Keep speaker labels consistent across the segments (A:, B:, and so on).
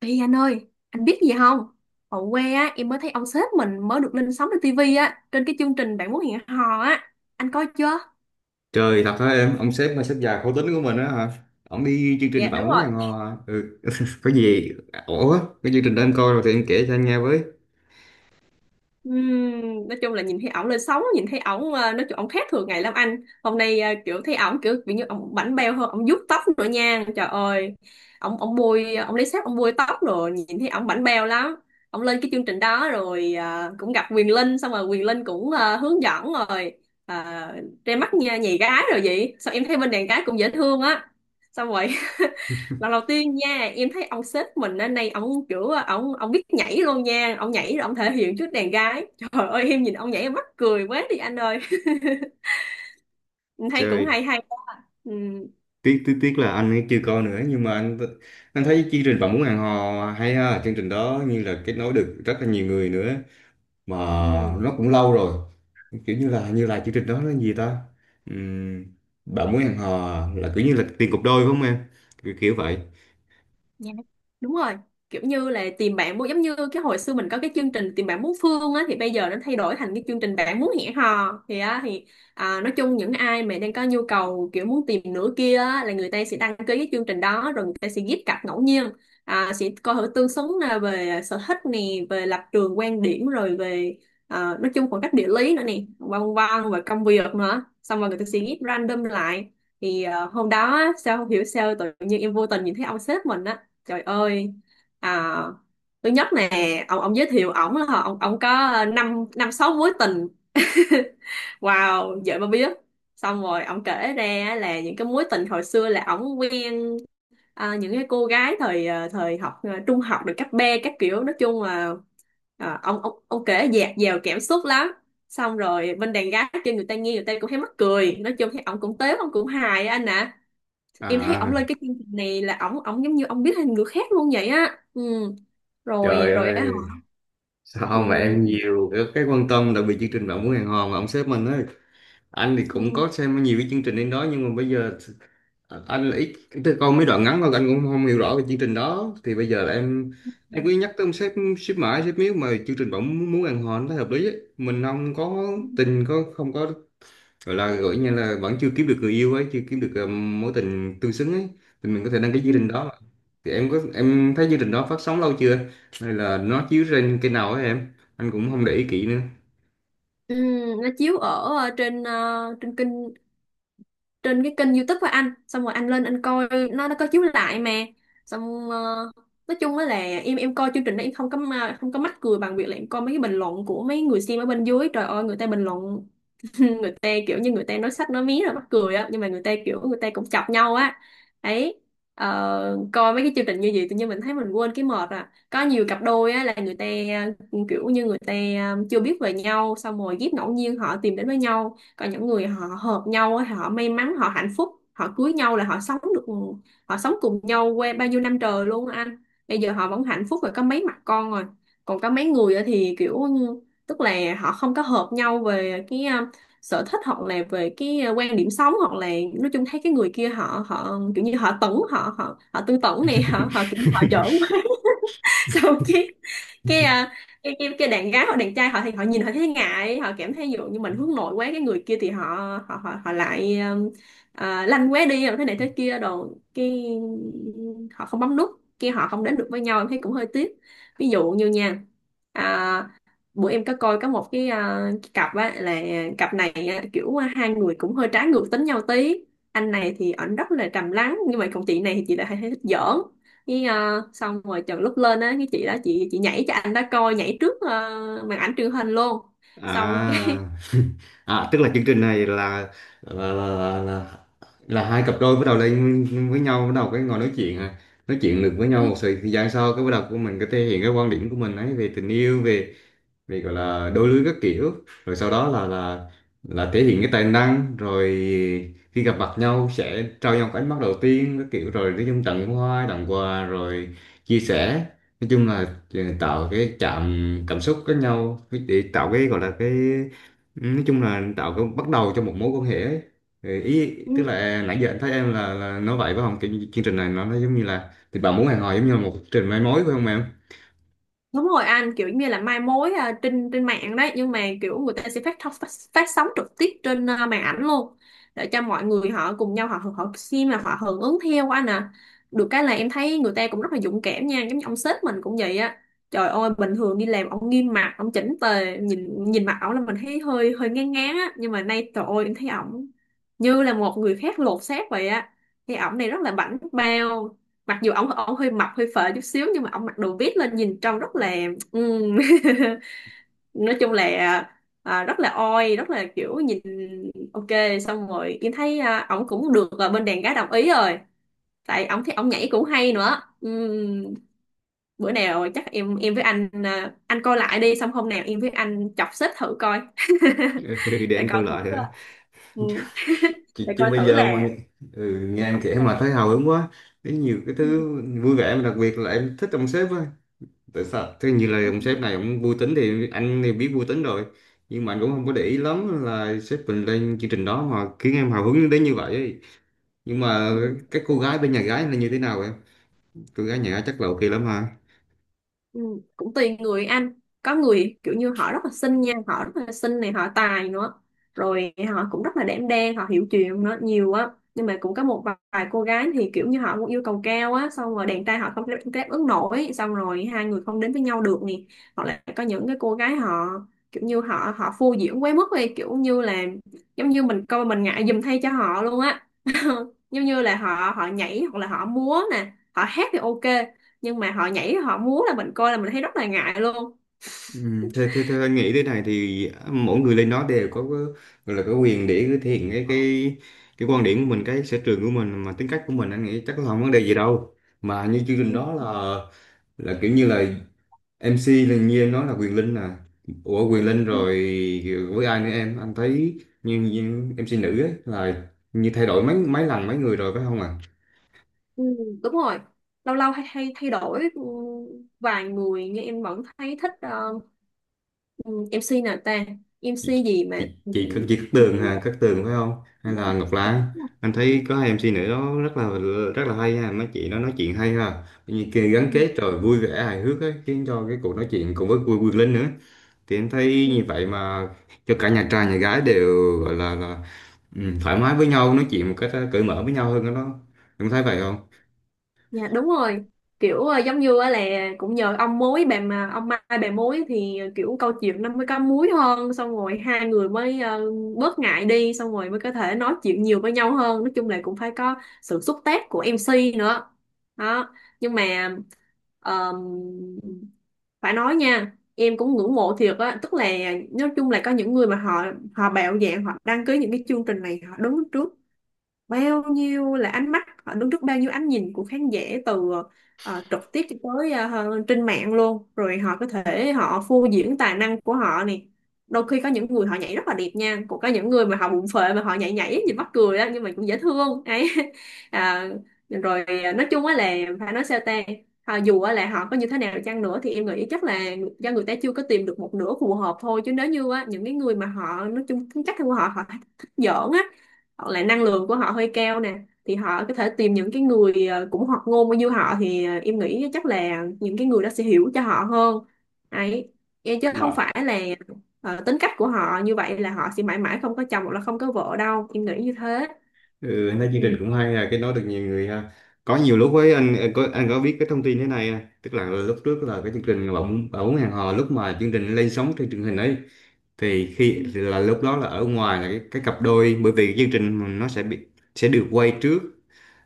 A: Ê anh ơi, anh biết gì không? Ở quê á, em mới thấy ông sếp mình mới được lên sóng trên tivi á, trên cái chương trình Bạn muốn hẹn hò á. Anh coi chưa?
B: Trời thật hả em, ông sếp mà sếp già khổ tính của mình á hả? Ông đi chương trình
A: Dạ
B: bạn
A: đúng
B: muốn
A: rồi.
B: ăn hò hả? Ừ. Có gì ổn á, cái chương trình đó anh coi rồi thì em kể cho anh nghe với.
A: Nói chung là nhìn thấy ổng lên sóng, nhìn thấy ổng, nói chung ổng khác thường ngày lắm anh, hôm nay kiểu thấy ổng kiểu bị như ổng bảnh bao hơn, ổng vuốt tóc nữa nha, trời ơi, ổng ổng bôi, ổng lấy sáp ổng bôi tóc, rồi nhìn thấy ổng bảnh bao lắm. Ổng lên cái chương trình đó rồi, cũng gặp Quyền Linh, xong rồi Quyền Linh cũng hướng dẫn rồi ra mắt nha nhì gái rồi, vậy sao em thấy bên đàn gái cũng dễ thương á. Xong rồi lần đầu tiên nha, em thấy ông sếp mình hôm nay ông kiểu ông biết nhảy luôn nha, ông nhảy rồi ông thể hiện trước đàn gái, trời ơi em nhìn ông nhảy em mắc cười quá đi anh ơi. Em thấy cũng
B: Trời,
A: hay hay. Ừ.
B: tiếc tiếc tiếc là anh ấy chưa coi nữa, nhưng mà anh thấy chương trình bạn muốn hẹn hò hay ha, chương trình đó như là kết nối được rất là nhiều người nữa mà
A: Ừ.
B: nó cũng lâu rồi. Kiểu như là chương trình đó là gì ta? Ừm, Bạn muốn hẹn hò là kiểu như là tiền cục đôi phải không em? Kiểu vậy.
A: Dạ, đúng rồi, kiểu như là tìm bạn muốn giống như cái hồi xưa mình có cái chương trình tìm bạn muốn phương á, thì bây giờ nó thay đổi thành cái chương trình bạn muốn hẹn hò thì á thì à, nói chung những ai mà đang có nhu cầu kiểu muốn tìm nửa kia á, là người ta sẽ đăng ký cái chương trình đó, rồi người ta sẽ ghép cặp ngẫu nhiên, à, sẽ coi thử tương xứng là về sở thích nè, về lập trường quan điểm, rồi về à, nói chung khoảng cách địa lý nữa nè, vân vân và công việc nữa, xong rồi người ta sẽ ghép random lại. Thì hôm đó á, sao không hiểu sao tự nhiên em vô tình nhìn thấy ông sếp mình á. Trời ơi. À, thứ nhất nè, ông giới thiệu ổng là ông có năm năm sáu mối tình. Wow, vậy mà biết. Xong rồi ông kể ra là những cái mối tình hồi xưa là ổng quen à, những cái cô gái thời à, thời học à, trung học được cấp B các kiểu, nói chung là à, ông kể dạt dào cảm xúc lắm. Xong rồi bên đàn gái kia người ta nghe, người ta cũng thấy mắc cười, nói chung thấy ổng cũng tếu, ổng cũng hài á anh ạ. Em thấy ổng
B: À,
A: lên cái chương trình này là ổng ổng giống như ông biết thêm người khác luôn vậy á. Ừ, rồi
B: trời
A: rồi á hả.
B: ơi, sao mà em
A: Ừ,
B: nhiều cái quan tâm đặc biệt chương trình Bạn muốn hẹn hò mà ông sếp mình ấy. Anh thì cũng
A: ừ,
B: có xem nhiều cái chương trình đến đó nhưng mà bây giờ anh là ít, tức là coi mấy đoạn ngắn thôi, anh cũng không hiểu rõ về chương trình đó. Thì bây giờ là em cứ nhắc tới ông sếp, sếp mãi sếp miếu, mà chương trình Bạn muốn muốn hẹn hò nó thấy hợp lý ấy. Mình không có tình, có không có, gọi là gọi như là vẫn chưa kiếm được người yêu ấy, chưa kiếm được mối tình tương xứng ấy, thì mình có thể đăng cái
A: ừ,
B: chương trình đó. Thì em có em thấy chương trình đó phát sóng lâu chưa, hay là nó chiếu trên kênh nào ấy em, anh cũng không để ý kỹ nữa.
A: ừ, nó chiếu ở trên kênh, trên cái kênh YouTube của anh, xong rồi anh lên anh coi, nó có chiếu lại mà. Xong nói chung á là em coi chương trình đó em không có không có mắc cười bằng việc là em coi mấy cái bình luận của mấy người xem ở bên dưới, trời ơi người ta bình luận nên người ta kiểu như người ta nói sách nói mí là mắc cười á, nhưng mà người ta kiểu người ta cũng chọc nhau á ấy. Coi mấy cái chương trình như vậy tự nhiên mình thấy mình quên cái mệt, à có nhiều cặp đôi á là người ta, ừ, kiểu như người ta, ừ, chưa biết về nhau xong rồi ghép ngẫu nhiên họ tìm đến với nhau, còn những người họ hợp nhau á họ may mắn họ hạnh phúc họ cưới nhau là họ sống được, họ sống cùng nhau qua bao nhiêu năm trời luôn á anh, bây giờ họ vẫn hạnh phúc rồi có mấy mặt con rồi. Còn có mấy người á thì kiểu như, tức là họ không có hợp nhau về cái sở thích, hoặc là về cái quan điểm sống, hoặc là nói chung thấy cái người kia họ họ kiểu như họ tẩn họ họ họ tư tưởng này họ họ kiểu họ giỡn, xong cái à, cái đàn gái hoặc đàn trai họ thì họ nhìn họ thấy ngại, họ cảm thấy ví dụ như mình hướng nội quá, cái người kia thì họ lại à, lanh quá đi rồi thế này thế kia đồ, cái họ không bấm nút kia, họ không đến được với nhau, em thấy cũng hơi tiếc. Ví dụ như nha, à, bữa em có coi có một cái, à, cái cặp á là cặp này á, kiểu hai người cũng hơi trái ngược tính nhau tí, anh này thì ảnh rất là trầm lắng nhưng mà còn chị này thì chị lại hay thích giỡn, với xong rồi chừng lúc lên á cái chị đó chị nhảy cho anh đó coi, nhảy trước màn ảnh truyền hình luôn, xong cái
B: à à, tức là chương trình này là là, là, là là hai cặp đôi bắt đầu lên với nhau, bắt đầu cái ngồi nói chuyện à, nói chuyện được với nhau một thời gian sau cái bắt đầu của mình có thể hiện cái quan điểm của mình ấy về tình yêu, về vì gọi là đôi lứa các kiểu, rồi sau đó là thể hiện cái tài năng, rồi khi gặp mặt nhau sẽ trao nhau cái ánh mắt đầu tiên các kiểu, rồi nói chung tặng hoa tặng quà rồi chia sẻ, nói chung là tạo cái chạm cảm xúc với nhau để tạo cái gọi là cái, nói chung là tạo cái bắt đầu cho một mối quan hệ ấy. Ừ, ý tức là à, nãy giờ anh thấy em là nói vậy phải không, cái chương trình này nó giống như là thì bạn muốn hẹn hò giống như là một chương trình mai mối phải không em?
A: đúng rồi anh, kiểu như là mai mối à, trên trên mạng đấy, nhưng mà kiểu người ta sẽ phát sóng trực tiếp trên à, màn ảnh luôn để cho mọi người họ cùng nhau họ họ xem là họ hưởng ứng theo anh à. Được cái là em thấy người ta cũng rất là dũng cảm nha, giống như ông sếp mình cũng vậy á, trời ơi bình thường đi làm ông nghiêm mặt ông chỉnh tề, nhìn nhìn mặt ổng là mình thấy hơi hơi ngán ngán á, nhưng mà nay trời ơi em thấy ổng như là một người khác lột xác vậy á, thì ổng này rất là bảnh bao, mặc dù ổng ổng hơi mập hơi phệ chút xíu nhưng mà ổng mặc đồ vít lên nhìn trông rất là ừm, nói chung là à, rất là oi rất là kiểu nhìn ok. Xong rồi em thấy à, ổng cũng được à, bên đàn gái đồng ý rồi, tại ổng thấy ổng nhảy cũng hay nữa. Bữa nào chắc em với anh à, anh coi lại đi, xong hôm nào em với anh chọc xếp thử coi.
B: Ừ, để
A: Để
B: anh coi
A: coi thử
B: lại hả?
A: à, ừ,
B: chứ,
A: để
B: chứ
A: coi
B: bây
A: thử
B: giờ mà
A: là
B: nghe- ừ, nghe em
A: ổng
B: kể mà
A: sao.
B: thấy hào hứng quá. Thấy nhiều cái thứ vui vẻ, mà đặc biệt là em thích ông sếp á, tại sao thế, như là ông sếp này ông vui tính thì anh thì biết vui tính rồi, nhưng mà anh cũng không có để ý lắm là sếp mình lên chương trình đó mà khiến em hào hứng đến như vậy ấy. Nhưng mà
A: Ừ.
B: các cô gái bên nhà gái là như thế nào em, cô gái nhà gái chắc là ok lắm ha.
A: Ừ, cũng tùy người anh, có người kiểu như họ rất là xinh nha, họ rất là xinh này họ tài nữa, rồi họ cũng rất là đảm đang họ hiểu chuyện nữa nhiều á, nhưng mà cũng có một vài cô gái thì kiểu như họ cũng yêu cầu cao á, xong rồi đàn trai họ không đáp ứng nổi, xong rồi hai người không đến với nhau được nè, hoặc là có những cái cô gái họ kiểu như họ họ phô diễn quá mức đi, kiểu như là giống như mình coi mình ngại giùm thay cho họ luôn á, giống như là họ họ nhảy hoặc là họ múa nè họ hát thì ok, nhưng mà họ nhảy họ múa là mình coi là mình thấy rất là ngại luôn.
B: Ừ, theo anh nghĩ thế này thì mỗi người lên đó đều có gọi là có quyền để thể hiện cái quan điểm của mình, cái sở trường của mình, mà tính cách của mình, anh nghĩ chắc là không vấn đề gì đâu. Mà như chương trình
A: Ừ,
B: đó là kiểu như là MC là như em nói là Quyền Linh à? Ủa Quyền Linh
A: ừ,
B: rồi với ai nữa em, anh thấy như MC nữ ấy là như thay đổi mấy mấy lần mấy người rồi phải không ạ?
A: ừ, đúng rồi, lâu lâu hay thay thay đổi, ừ, vài người nhưng em vẫn thấy thích ừ, MC nào ta,
B: chị,
A: MC gì mà
B: chị,
A: ừ,
B: chị, Cát- chị Cát Tường hả, Cát Tường phải không, hay là Ngọc Lan? Anh thấy có hai MC nữ đó rất là hay ha, mấy chị nó nói chuyện hay ha, như kia gắn
A: ừ,
B: kết rồi vui vẻ hài hước ấy, khiến cho cái cuộc nói chuyện cùng với vui vui Linh nữa, thì em thấy
A: ừ,
B: như vậy mà, cho cả nhà trai nhà gái đều gọi là thoải mái với nhau, nói chuyện một cách cởi mở với nhau hơn đó. Em thấy vậy không?
A: Dạ đúng rồi, kiểu giống như á là cũng nhờ ông mối bà mà ông Mai bà mối thì kiểu câu chuyện nó mới có múi hơn, xong rồi hai người mới bớt ngại đi, xong rồi mới có thể nói chuyện nhiều với nhau hơn, nói chung là cũng phải có sự xúc tác của MC nữa đó. Nhưng mà ờm, phải nói nha em cũng ngưỡng mộ thiệt á, tức là nói chung là có những người mà họ họ bạo dạn họ đăng ký những cái chương trình này, họ đứng trước bao nhiêu là ánh mắt, họ đứng trước bao nhiêu ánh nhìn của khán giả, từ trực tiếp cho tới trên mạng luôn, rồi họ có thể họ phô diễn tài năng của họ này. Đôi khi có những người họ nhảy rất là đẹp nha, cũng có những người mà họ bụng phệ mà họ nhảy nhảy nhìn mắc cười đó, nhưng mà cũng dễ thương ấy. À, rồi nói chung á là phải nói sao ta. Họ dù á là họ có như thế nào chăng nữa thì em nghĩ chắc là do người ta chưa có tìm được một nửa phù hợp thôi, chứ nếu như á, những cái người mà họ nói chung tính cách của họ họ thích giỡn á, hoặc là năng lượng của họ hơi cao nè, thì họ có thể tìm những cái người cũng hoạt ngôn như họ, thì em nghĩ chắc là những cái người đó sẽ hiểu cho họ hơn ấy, chứ không phải là tính cách của họ như vậy là họ sẽ mãi mãi không có chồng hoặc là không có vợ đâu, em nghĩ như thế.
B: Ừ, anh thấy chương trình
A: Ừ.
B: cũng hay là cái nói được nhiều người ha. Có nhiều lúc với anh có biết cái thông tin thế này à? Tức là lúc trước là cái chương trình bỗng bỗng hẹn hò, lúc mà chương trình lên sóng trên truyền hình ấy, thì
A: Ừ,
B: khi thì là lúc đó là ở ngoài là cái cặp đôi, bởi vì chương trình nó sẽ được quay trước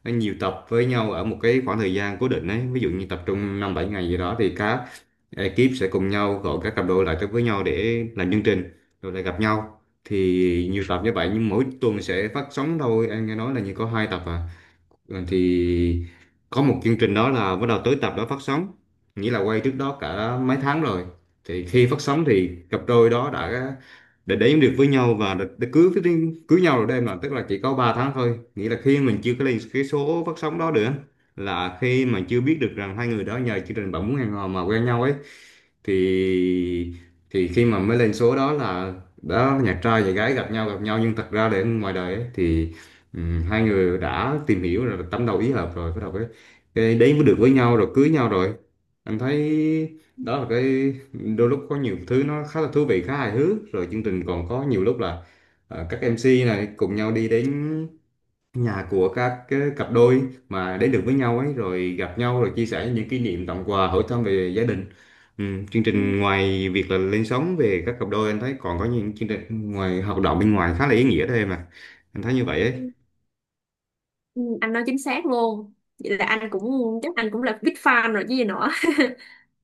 B: nhiều tập với nhau ở một cái khoảng thời gian cố định ấy, ví dụ như tập trung năm bảy ngày gì đó thì các ekip sẽ cùng nhau gọi các cặp đôi lại tới với nhau để làm chương trình rồi lại gặp nhau, thì nhiều tập như vậy nhưng mỗi tuần sẽ phát sóng thôi, em nghe nói là như có hai tập à. Ừ, thì có một chương trình đó là bắt đầu tới tập đó phát sóng nghĩa là quay trước đó cả mấy tháng rồi. Thì khi phát sóng thì cặp đôi đó đã đến được với nhau và đã cưới cưới nhau rồi đó em, là tức là chỉ có 3 tháng thôi, nghĩa là khi mình chưa có lên cái số phát sóng đó được á, là khi mà chưa biết được rằng hai người đó nhờ chương trình bạn muốn hẹn hò mà quen nhau ấy, thì thì khi mà mới lên số đó là đó nhạc trai và gái gặp nhau nhưng thật ra để ngoài đời ấy, thì hai người đã tìm hiểu rồi tâm đầu ý hợp rồi bắt đầu cái đấy mới được với nhau rồi cưới nhau rồi. Anh thấy đó là cái đôi lúc có nhiều thứ nó khá là thú vị khá hài hước, rồi chương trình còn có nhiều lúc là các MC này cùng nhau đi đến nhà của các cái cặp đôi mà đến được với nhau ấy, rồi gặp nhau rồi chia sẻ những kỷ niệm, tặng quà, hỏi thăm về gia đình. Ừ, chương
A: ừ,
B: trình ngoài việc là lên sóng về các cặp đôi, anh thấy còn có những chương trình ngoài hoạt động bên ngoài khá là ý nghĩa đó em à, anh thấy như vậy ấy.
A: ừ. Ừ, anh nói chính xác luôn, vậy là anh cũng, chắc anh cũng là big fan rồi chứ gì nữa.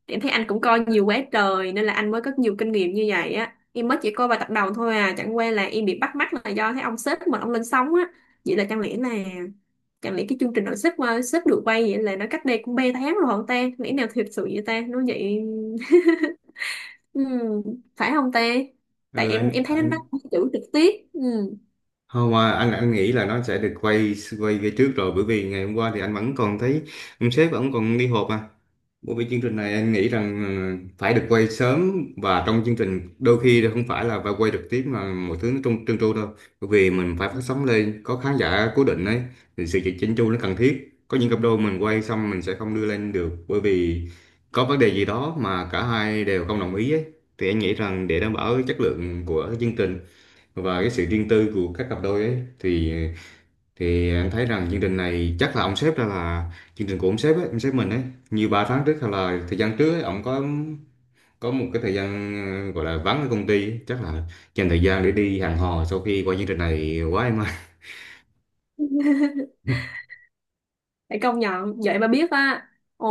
A: Em thấy anh cũng coi nhiều quá trời nên là anh mới có nhiều kinh nghiệm như vậy á. Em mới chỉ coi vài tập đầu thôi à, chẳng qua là em bị bắt mắt là do thấy ông sếp mình ông lên sóng á. Vậy là chẳng lẽ cái chương trình nội sếp qua sếp được quay vậy là nó cách đây cũng 3 tháng rồi không ta? Lẽ nào thiệt sự vậy ta? Nó vậy ừ, phải không ta? Tại
B: Ừ,
A: em thấy nó nói
B: anh,
A: chữ trực tiếp. Ừ.
B: không mà anh nghĩ là nó sẽ được quay quay về trước rồi, bởi vì ngày hôm qua thì anh vẫn còn thấy ông sếp vẫn còn đi họp mà. Bởi vì chương trình này anh nghĩ rằng phải được quay sớm, và trong chương trình đôi khi là không phải là phải quay trực tiếp mà mọi thứ nó trơn trơn tru đâu. Bởi vì mình phải phát sóng lên có khán giả cố định ấy thì sự chỉnh chu nó cần thiết. Có những cặp đôi mình quay xong mình sẽ không đưa lên được bởi vì có vấn đề gì đó mà cả hai đều không đồng ý ấy. Thì anh nghĩ rằng để đảm bảo chất lượng của chương trình và cái sự riêng tư của các cặp đôi ấy, thì anh thấy rằng chương trình này chắc là ông sếp ra là chương trình của ông sếp ấy, ông sếp mình ấy, như 3 tháng trước hay là thời gian trước ấy, ông có một cái thời gian gọi là vắng ở công ty ấy. Chắc là dành thời gian để đi hẹn hò sau khi qua chương trình này quá em ơi.
A: Phải công nhận vậy mà biết á. Ồ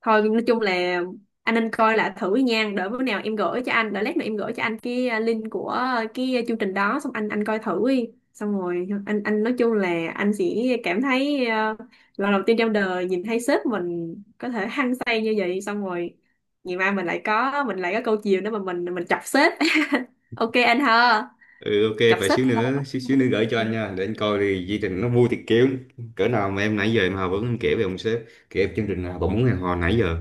A: thôi nói chung là anh nên coi lại thử nha, đỡ bữa nào em gửi cho anh, đỡ lát nữa em gửi cho anh cái link của cái chương trình đó, xong anh coi thử đi, xong rồi anh nói chung là anh sẽ cảm thấy lần đầu tiên trong đời nhìn thấy sếp mình có thể hăng say như vậy, xong rồi ngày mai mình lại có câu chiều nữa mà mình chọc sếp. Ok anh ha,
B: Ừ, ok,
A: chọc
B: vậy
A: sếp
B: xíu nữa,
A: thôi.
B: xíu xíu nữa gửi cho anh nha, để anh coi thì chương trình nó vui thiệt, kiểu cỡ nào mà em nãy giờ em Hà vẫn em kể về ông sếp, kể về chương trình nào bọn muốn hẹn hò nãy giờ,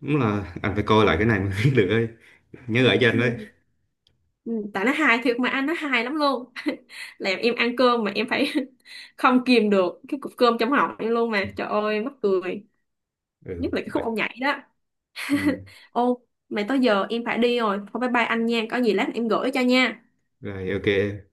B: đúng là anh phải coi lại cái này mới biết được ấy, nhớ gửi cho anh đấy.
A: Ừ. Ừ, tại nó hài thiệt mà anh, nó hài lắm luôn, làm em ăn cơm mà em phải không kìm được cái cục cơm trong họng em luôn, mà trời ơi mắc cười,
B: Ừ,
A: nhất là cái
B: vậy.
A: khúc ông nhảy đó.
B: Ừ.
A: Ô mày tới giờ em phải đi rồi, thôi bye bye anh nha, có gì lát em gửi cho nha.
B: Rồi ok em.